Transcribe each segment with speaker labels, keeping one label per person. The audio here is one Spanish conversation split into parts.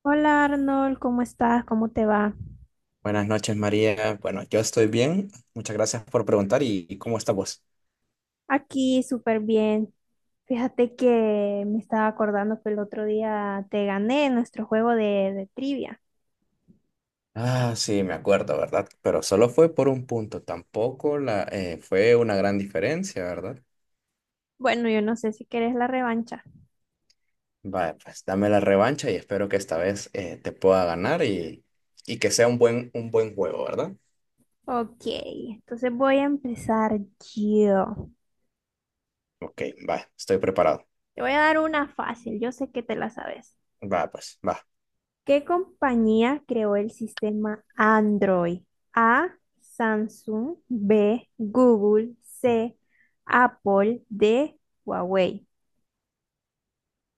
Speaker 1: Hola Arnold, ¿cómo estás? ¿Cómo te va?
Speaker 2: Buenas noches, María. Bueno, yo estoy bien. Muchas gracias por preguntar. ¿Y cómo está vos?
Speaker 1: Aquí súper bien. Fíjate que me estaba acordando que el otro día te gané en nuestro juego de trivia.
Speaker 2: Ah, sí, me acuerdo, ¿verdad? Pero solo fue por un punto. Tampoco fue una gran diferencia, ¿verdad?
Speaker 1: Bueno, yo no sé si querés la revancha.
Speaker 2: Vale, pues dame la revancha y espero que esta vez te pueda ganar y que sea un buen juego, ¿verdad?
Speaker 1: Ok, entonces voy a empezar yo.
Speaker 2: Ok, va, estoy preparado.
Speaker 1: Te voy a dar una fácil, yo sé que te la sabes.
Speaker 2: Va, pues, va.
Speaker 1: ¿Qué compañía creó el sistema Android? A, Samsung, B, Google, C, Apple, D, Huawei.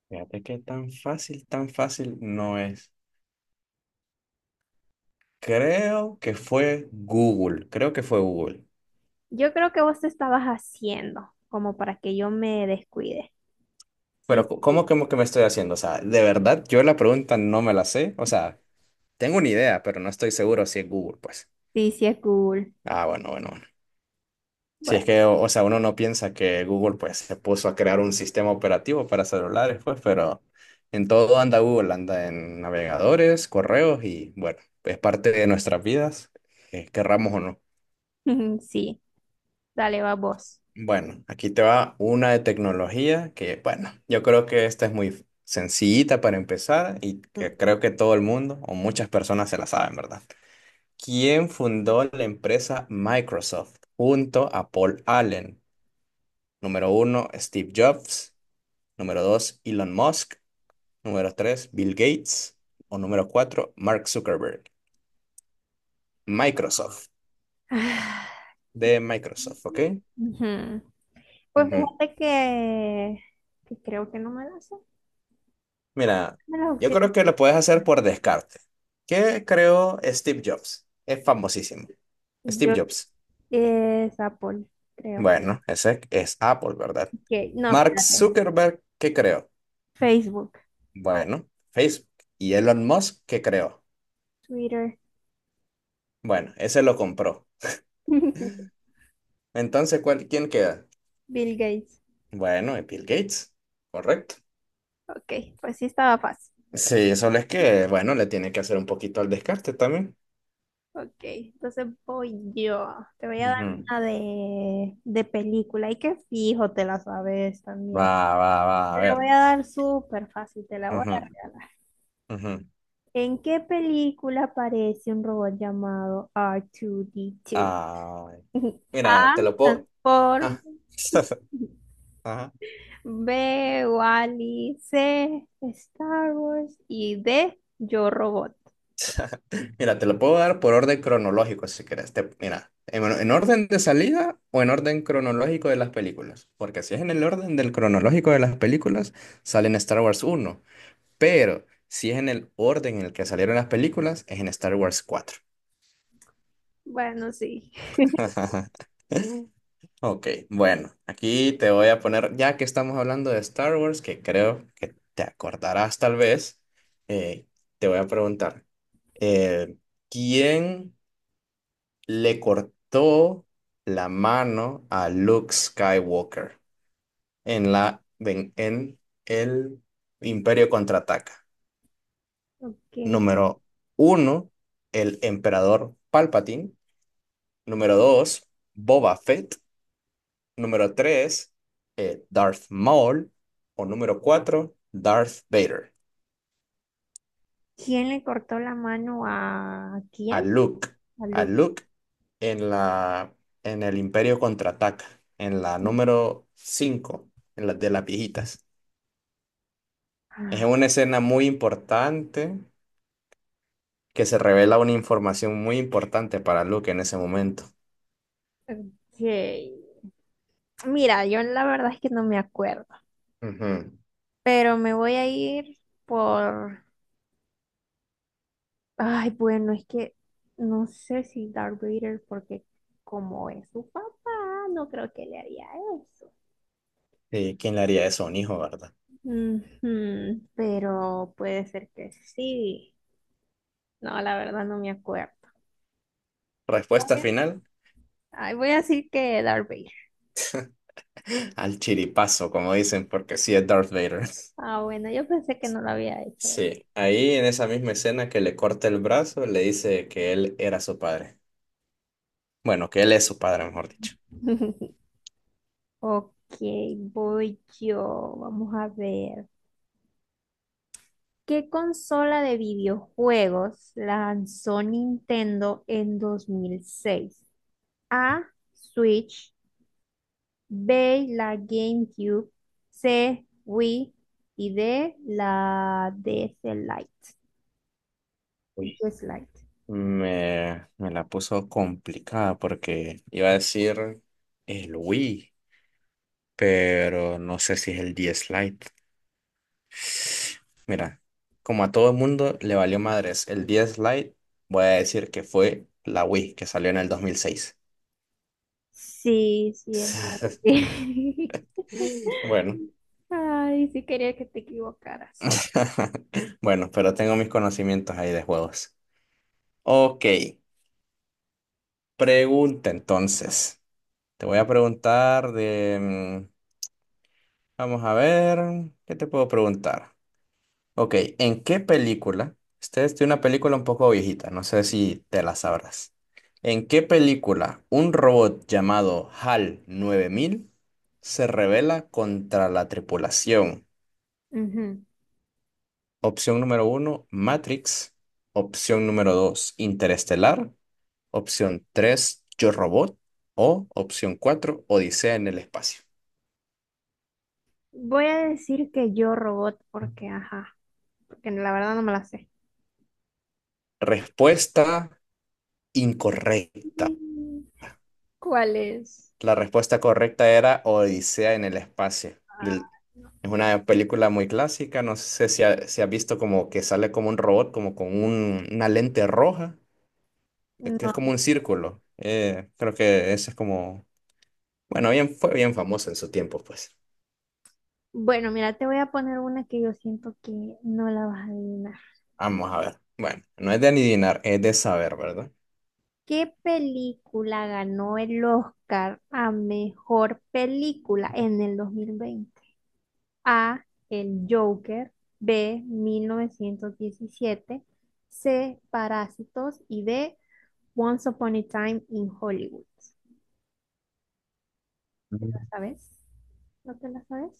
Speaker 2: Fíjate que tan fácil no es. Creo que fue Google. Creo que fue Google.
Speaker 1: Yo creo que vos te estabas haciendo como para que yo me descuide.
Speaker 2: Pero,
Speaker 1: Sí,
Speaker 2: co- ¿cómo, cómo que me estoy haciendo? O sea, de verdad, yo la pregunta no me la sé. O sea, tengo una idea, pero no estoy seguro si es Google, pues.
Speaker 1: sí, sí es cool.
Speaker 2: Ah, bueno, bueno, bueno. Si es
Speaker 1: Bueno,
Speaker 2: que, o sea, uno no piensa que Google, pues, se puso a crear un sistema operativo para celulares, pues, pero en todo anda Google, anda en navegadores, correos y, bueno, es parte de nuestras vidas, querramos o no.
Speaker 1: sí, dale, va vos.
Speaker 2: Bueno, aquí te va una de tecnología que, bueno, yo creo que esta es muy sencillita para empezar y
Speaker 1: Mm.
Speaker 2: que creo que todo el mundo o muchas personas se la saben, ¿verdad? ¿Quién fundó la empresa Microsoft junto a Paul Allen? Número uno, Steve Jobs. Número dos, Elon Musk. Número tres, Bill Gates. O número cuatro, Mark Zuckerberg. Microsoft,
Speaker 1: Ah,
Speaker 2: de Microsoft, ¿ok?
Speaker 1: ujú. Pues
Speaker 2: Ujú.
Speaker 1: fíjate que creo que no me las sé.
Speaker 2: Mira,
Speaker 1: Dame las
Speaker 2: yo creo
Speaker 1: opciones.
Speaker 2: que lo puedes hacer por descarte. ¿Qué creó Steve Jobs? Es famosísimo. Steve
Speaker 1: Yo
Speaker 2: Jobs.
Speaker 1: Es Apple, creo.
Speaker 2: Bueno, ese es Apple, ¿verdad?
Speaker 1: Que, no,
Speaker 2: Mark
Speaker 1: espérate.
Speaker 2: Zuckerberg, ¿qué creó?
Speaker 1: Facebook,
Speaker 2: Bueno, Facebook. ¿Y Elon Musk, qué creó?
Speaker 1: Twitter,
Speaker 2: Bueno, ese lo compró. Entonces, quién queda?
Speaker 1: Bill Gates.
Speaker 2: Bueno, Bill Gates. Correcto.
Speaker 1: Ok, pues sí estaba fácil.
Speaker 2: Sí, solo es que, bueno, le tiene que hacer un poquito al descarte también.
Speaker 1: Ok, entonces voy yo. Te voy a dar
Speaker 2: Ujú.
Speaker 1: una de película y que fijo te la sabes
Speaker 2: Va,
Speaker 1: también.
Speaker 2: va, va, a
Speaker 1: Te la voy
Speaker 2: ver.
Speaker 1: a dar súper fácil, te la voy a
Speaker 2: Ujú,
Speaker 1: regalar.
Speaker 2: ujú.
Speaker 1: ¿En qué película aparece un robot llamado R2D2?
Speaker 2: Ah, mira,
Speaker 1: A,
Speaker 2: te lo puedo.
Speaker 1: transform.
Speaker 2: Ah. Ajá.
Speaker 1: B, Wally. C, Star Wars. Y D, Yo Robot.
Speaker 2: Mira, te lo puedo dar por orden cronológico si quieres. Mira, bueno, en orden de salida o en orden cronológico de las películas. Porque si es en el orden del cronológico de las películas, sale en Star Wars 1. Pero si es en el orden en el que salieron las películas, es en Star Wars 4.
Speaker 1: Bueno, sí.
Speaker 2: Ok, bueno, aquí te voy a poner, ya que estamos hablando de Star Wars, que creo que te acordarás tal vez, eh, te voy a preguntar, eh, ¿quién le cortó la mano a Luke Skywalker en el Imperio Contraataca?
Speaker 1: Ok.
Speaker 2: Número uno, el emperador Palpatine. Número dos, Boba Fett. Número 3, Darth Maul. O número 4, Darth Vader.
Speaker 1: ¿Quién le cortó la mano a
Speaker 2: A
Speaker 1: quién?
Speaker 2: Luke.
Speaker 1: A
Speaker 2: A
Speaker 1: Luke.
Speaker 2: Luke en la, en el Imperio Contraataca. En la número 5, en la de las viejitas. Es
Speaker 1: Ah,
Speaker 2: una escena muy importante que se revela una información muy importante para Luke en ese momento.
Speaker 1: ok. Mira, yo la verdad es que no me acuerdo,
Speaker 2: Ujú.
Speaker 1: pero me voy a ir por. Ay, bueno, es que no sé si Darth Vader, porque como es su papá, no creo que le haría eso.
Speaker 2: Sí, ¿quién le haría eso a un hijo, verdad?
Speaker 1: Ujú, pero puede ser que sí. No, la verdad no me acuerdo. Voy
Speaker 2: Respuesta
Speaker 1: a-
Speaker 2: final,
Speaker 1: Ay, voy a decir que Darth Vader.
Speaker 2: al chiripazo, como dicen, porque sí es Darth Vader.
Speaker 1: Ah, bueno, yo pensé que no lo había hecho.
Speaker 2: Sí, ahí en esa misma escena que le corta el brazo, le dice que él era su padre. Bueno, que él es su padre, mejor dicho.
Speaker 1: Ok, voy yo. Vamos a ver. ¿Qué consola de videojuegos lanzó Nintendo en 2006? A, Switch, B, la GameCube, C, Wii y D, la DS Lite.
Speaker 2: Uy.
Speaker 1: DS Lite.
Speaker 2: Me la puso complicada porque iba a decir el Wii, pero no sé si es el 10 Lite. Mira, como a todo el mundo le valió madres el 10 Lite, voy a decir que fue la Wii que salió en el 2006.
Speaker 1: Sí, sí, es la Wii.
Speaker 2: Bueno,
Speaker 1: Ay, sí quería que te equivocaras.
Speaker 2: bueno, pero tengo mis conocimientos ahí de juegos. Ok, pregunta entonces. Te voy a preguntar de. mm, Vamos a ver, ¿qué te puedo preguntar? Ok, ¿en qué película? Esta es de una película un poco viejita, no sé si te la sabrás. ¿En qué película un robot llamado HAL 9000 se rebela contra la tripulación?
Speaker 1: Ujú.
Speaker 2: Opción número uno, Matrix. Opción número dos, Interestelar. Opción tres, Yo Robot. O opción cuatro, Odisea en el espacio.
Speaker 1: Voy a decir que yo robot porque, ajá, porque la verdad no me la sé.
Speaker 2: Respuesta incorrecta.
Speaker 1: Mm, ¿cuál es?
Speaker 2: La respuesta correcta era Odisea en el espacio.
Speaker 1: Ah,
Speaker 2: Del- es una película muy clásica. No sé si, si has visto como que sale como un robot, como con una lente roja, que es
Speaker 1: no.
Speaker 2: como un círculo. Creo que esa es como. Bueno, bien, fue bien famosa en su tiempo, pues.
Speaker 1: Bueno, mira, te voy a poner una que yo siento que no la vas a adivinar.
Speaker 2: Vamos a ver. Bueno, no es de adivinar, es de saber, ¿verdad?
Speaker 1: ¿Qué película ganó el Oscar a mejor película en el 2020? A, El Joker, B, 1917, C, Parásitos y D, Once Upon a Time in Hollywood. ¿Te la sabes? ¿No te la sabes?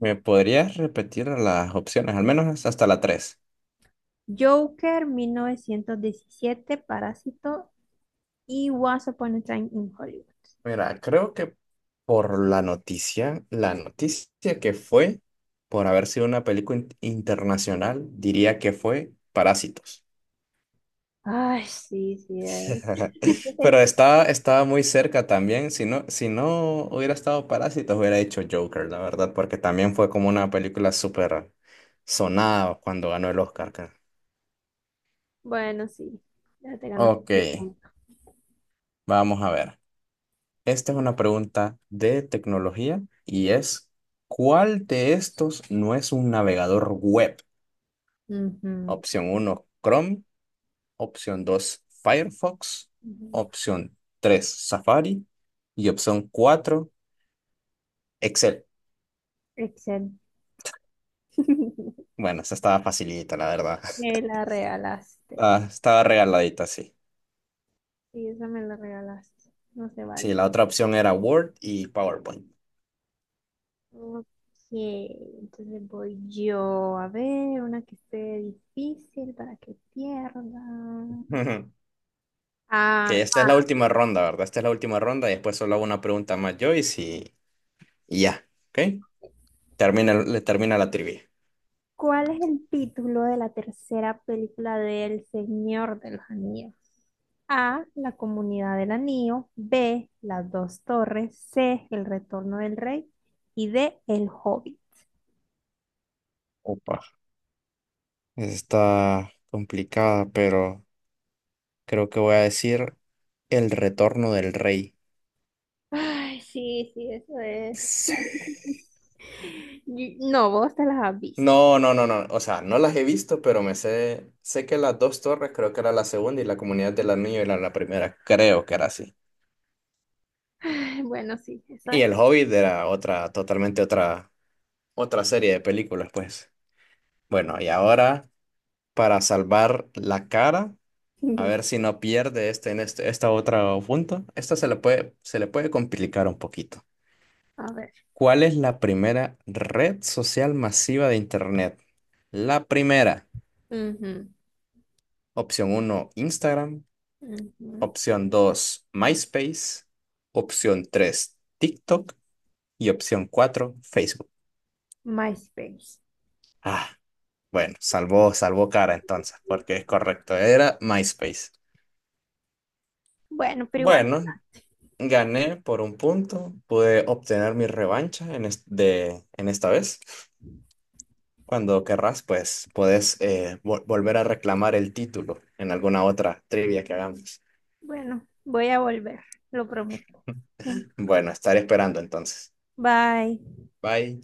Speaker 2: ¿Me podrías repetir las opciones, al menos hasta la tres?
Speaker 1: Joker, 1917, Parásito y Once Upon a Time in Hollywood.
Speaker 2: Mira, creo que por la noticia que fue, por haber sido una película internacional, diría que fue Parásitos.
Speaker 1: Ay, sí, sí, es.
Speaker 2: Pero estaba muy cerca también. Si no, si no, hubiera estado Parásitos, hubiera hecho Joker, la verdad, porque también fue como una película súper sonada cuando ganó el Oscar, creo.
Speaker 1: Bueno, sí. Ya te ganaste
Speaker 2: Ok,
Speaker 1: el punto.
Speaker 2: vamos a ver. Esta es una pregunta de tecnología y es, ¿cuál de estos no es un navegador web?
Speaker 1: Ujú,
Speaker 2: Opción uno, Chrome. Opción 2, Firefox.
Speaker 1: ujú.
Speaker 2: Opción 3, Safari. Y opción 4, Excel.
Speaker 1: Excel.
Speaker 2: Bueno, esa estaba facilita, la verdad.
Speaker 1: Me la regalaste.
Speaker 2: Ah, estaba regaladita, sí.
Speaker 1: Sí, esa me la regalaste. No se
Speaker 2: Sí,
Speaker 1: vale.
Speaker 2: la otra opción era Word y PowerPoint.
Speaker 1: Ok, entonces voy yo a ver una que esté difícil para que pierda. Ah,
Speaker 2: Que esta es la última ronda, ¿verdad? Esta es la última ronda y después solo hago una pregunta más yo y si... y ya, ¿ok? Termina, le termina la trivia.
Speaker 1: ¿cuál es el título de la tercera película de El Señor de los Anillos? A, La Comunidad del Anillo. B, Las Dos Torres. C, El Retorno del Rey. Y D, El Hobbit.
Speaker 2: Opa, está complicada, pero creo que voy a decir El retorno del rey.
Speaker 1: Ay, sí, sí, eso es.
Speaker 2: Sí.
Speaker 1: No, vos te las has visto.
Speaker 2: No, no, no, no. O sea, no las he visto, pero me sé. Sé que las dos torres creo que era la segunda y la comunidad del anillo era la primera. Creo que era así.
Speaker 1: Ay, bueno, sí, eso
Speaker 2: Y
Speaker 1: es.
Speaker 2: El Hobbit era otra, totalmente otra, otra serie de películas, pues. Bueno, y ahora, para salvar la cara, a ver si no pierde este esta otra punto. Esta se le puede complicar un poquito.
Speaker 1: A ver.
Speaker 2: ¿Cuál es la primera red social masiva de Internet? La primera,
Speaker 1: Ujú,
Speaker 2: opción uno Instagram,
Speaker 1: ujú.
Speaker 2: opción 2 MySpace, opción 3 TikTok y opción 4 Facebook.
Speaker 1: MySpace.
Speaker 2: Ah, bueno, salvó cara entonces, porque es correcto, era MySpace.
Speaker 1: Bueno, pero igual,
Speaker 2: Bueno, gané por un punto, pude obtener mi revancha en esta vez. Cuando querrás, pues puedes volver a reclamar el título en alguna otra trivia que hagamos.
Speaker 1: bueno, voy a volver, lo prometo.
Speaker 2: Bueno, estaré esperando entonces.
Speaker 1: Bye.
Speaker 2: Bye.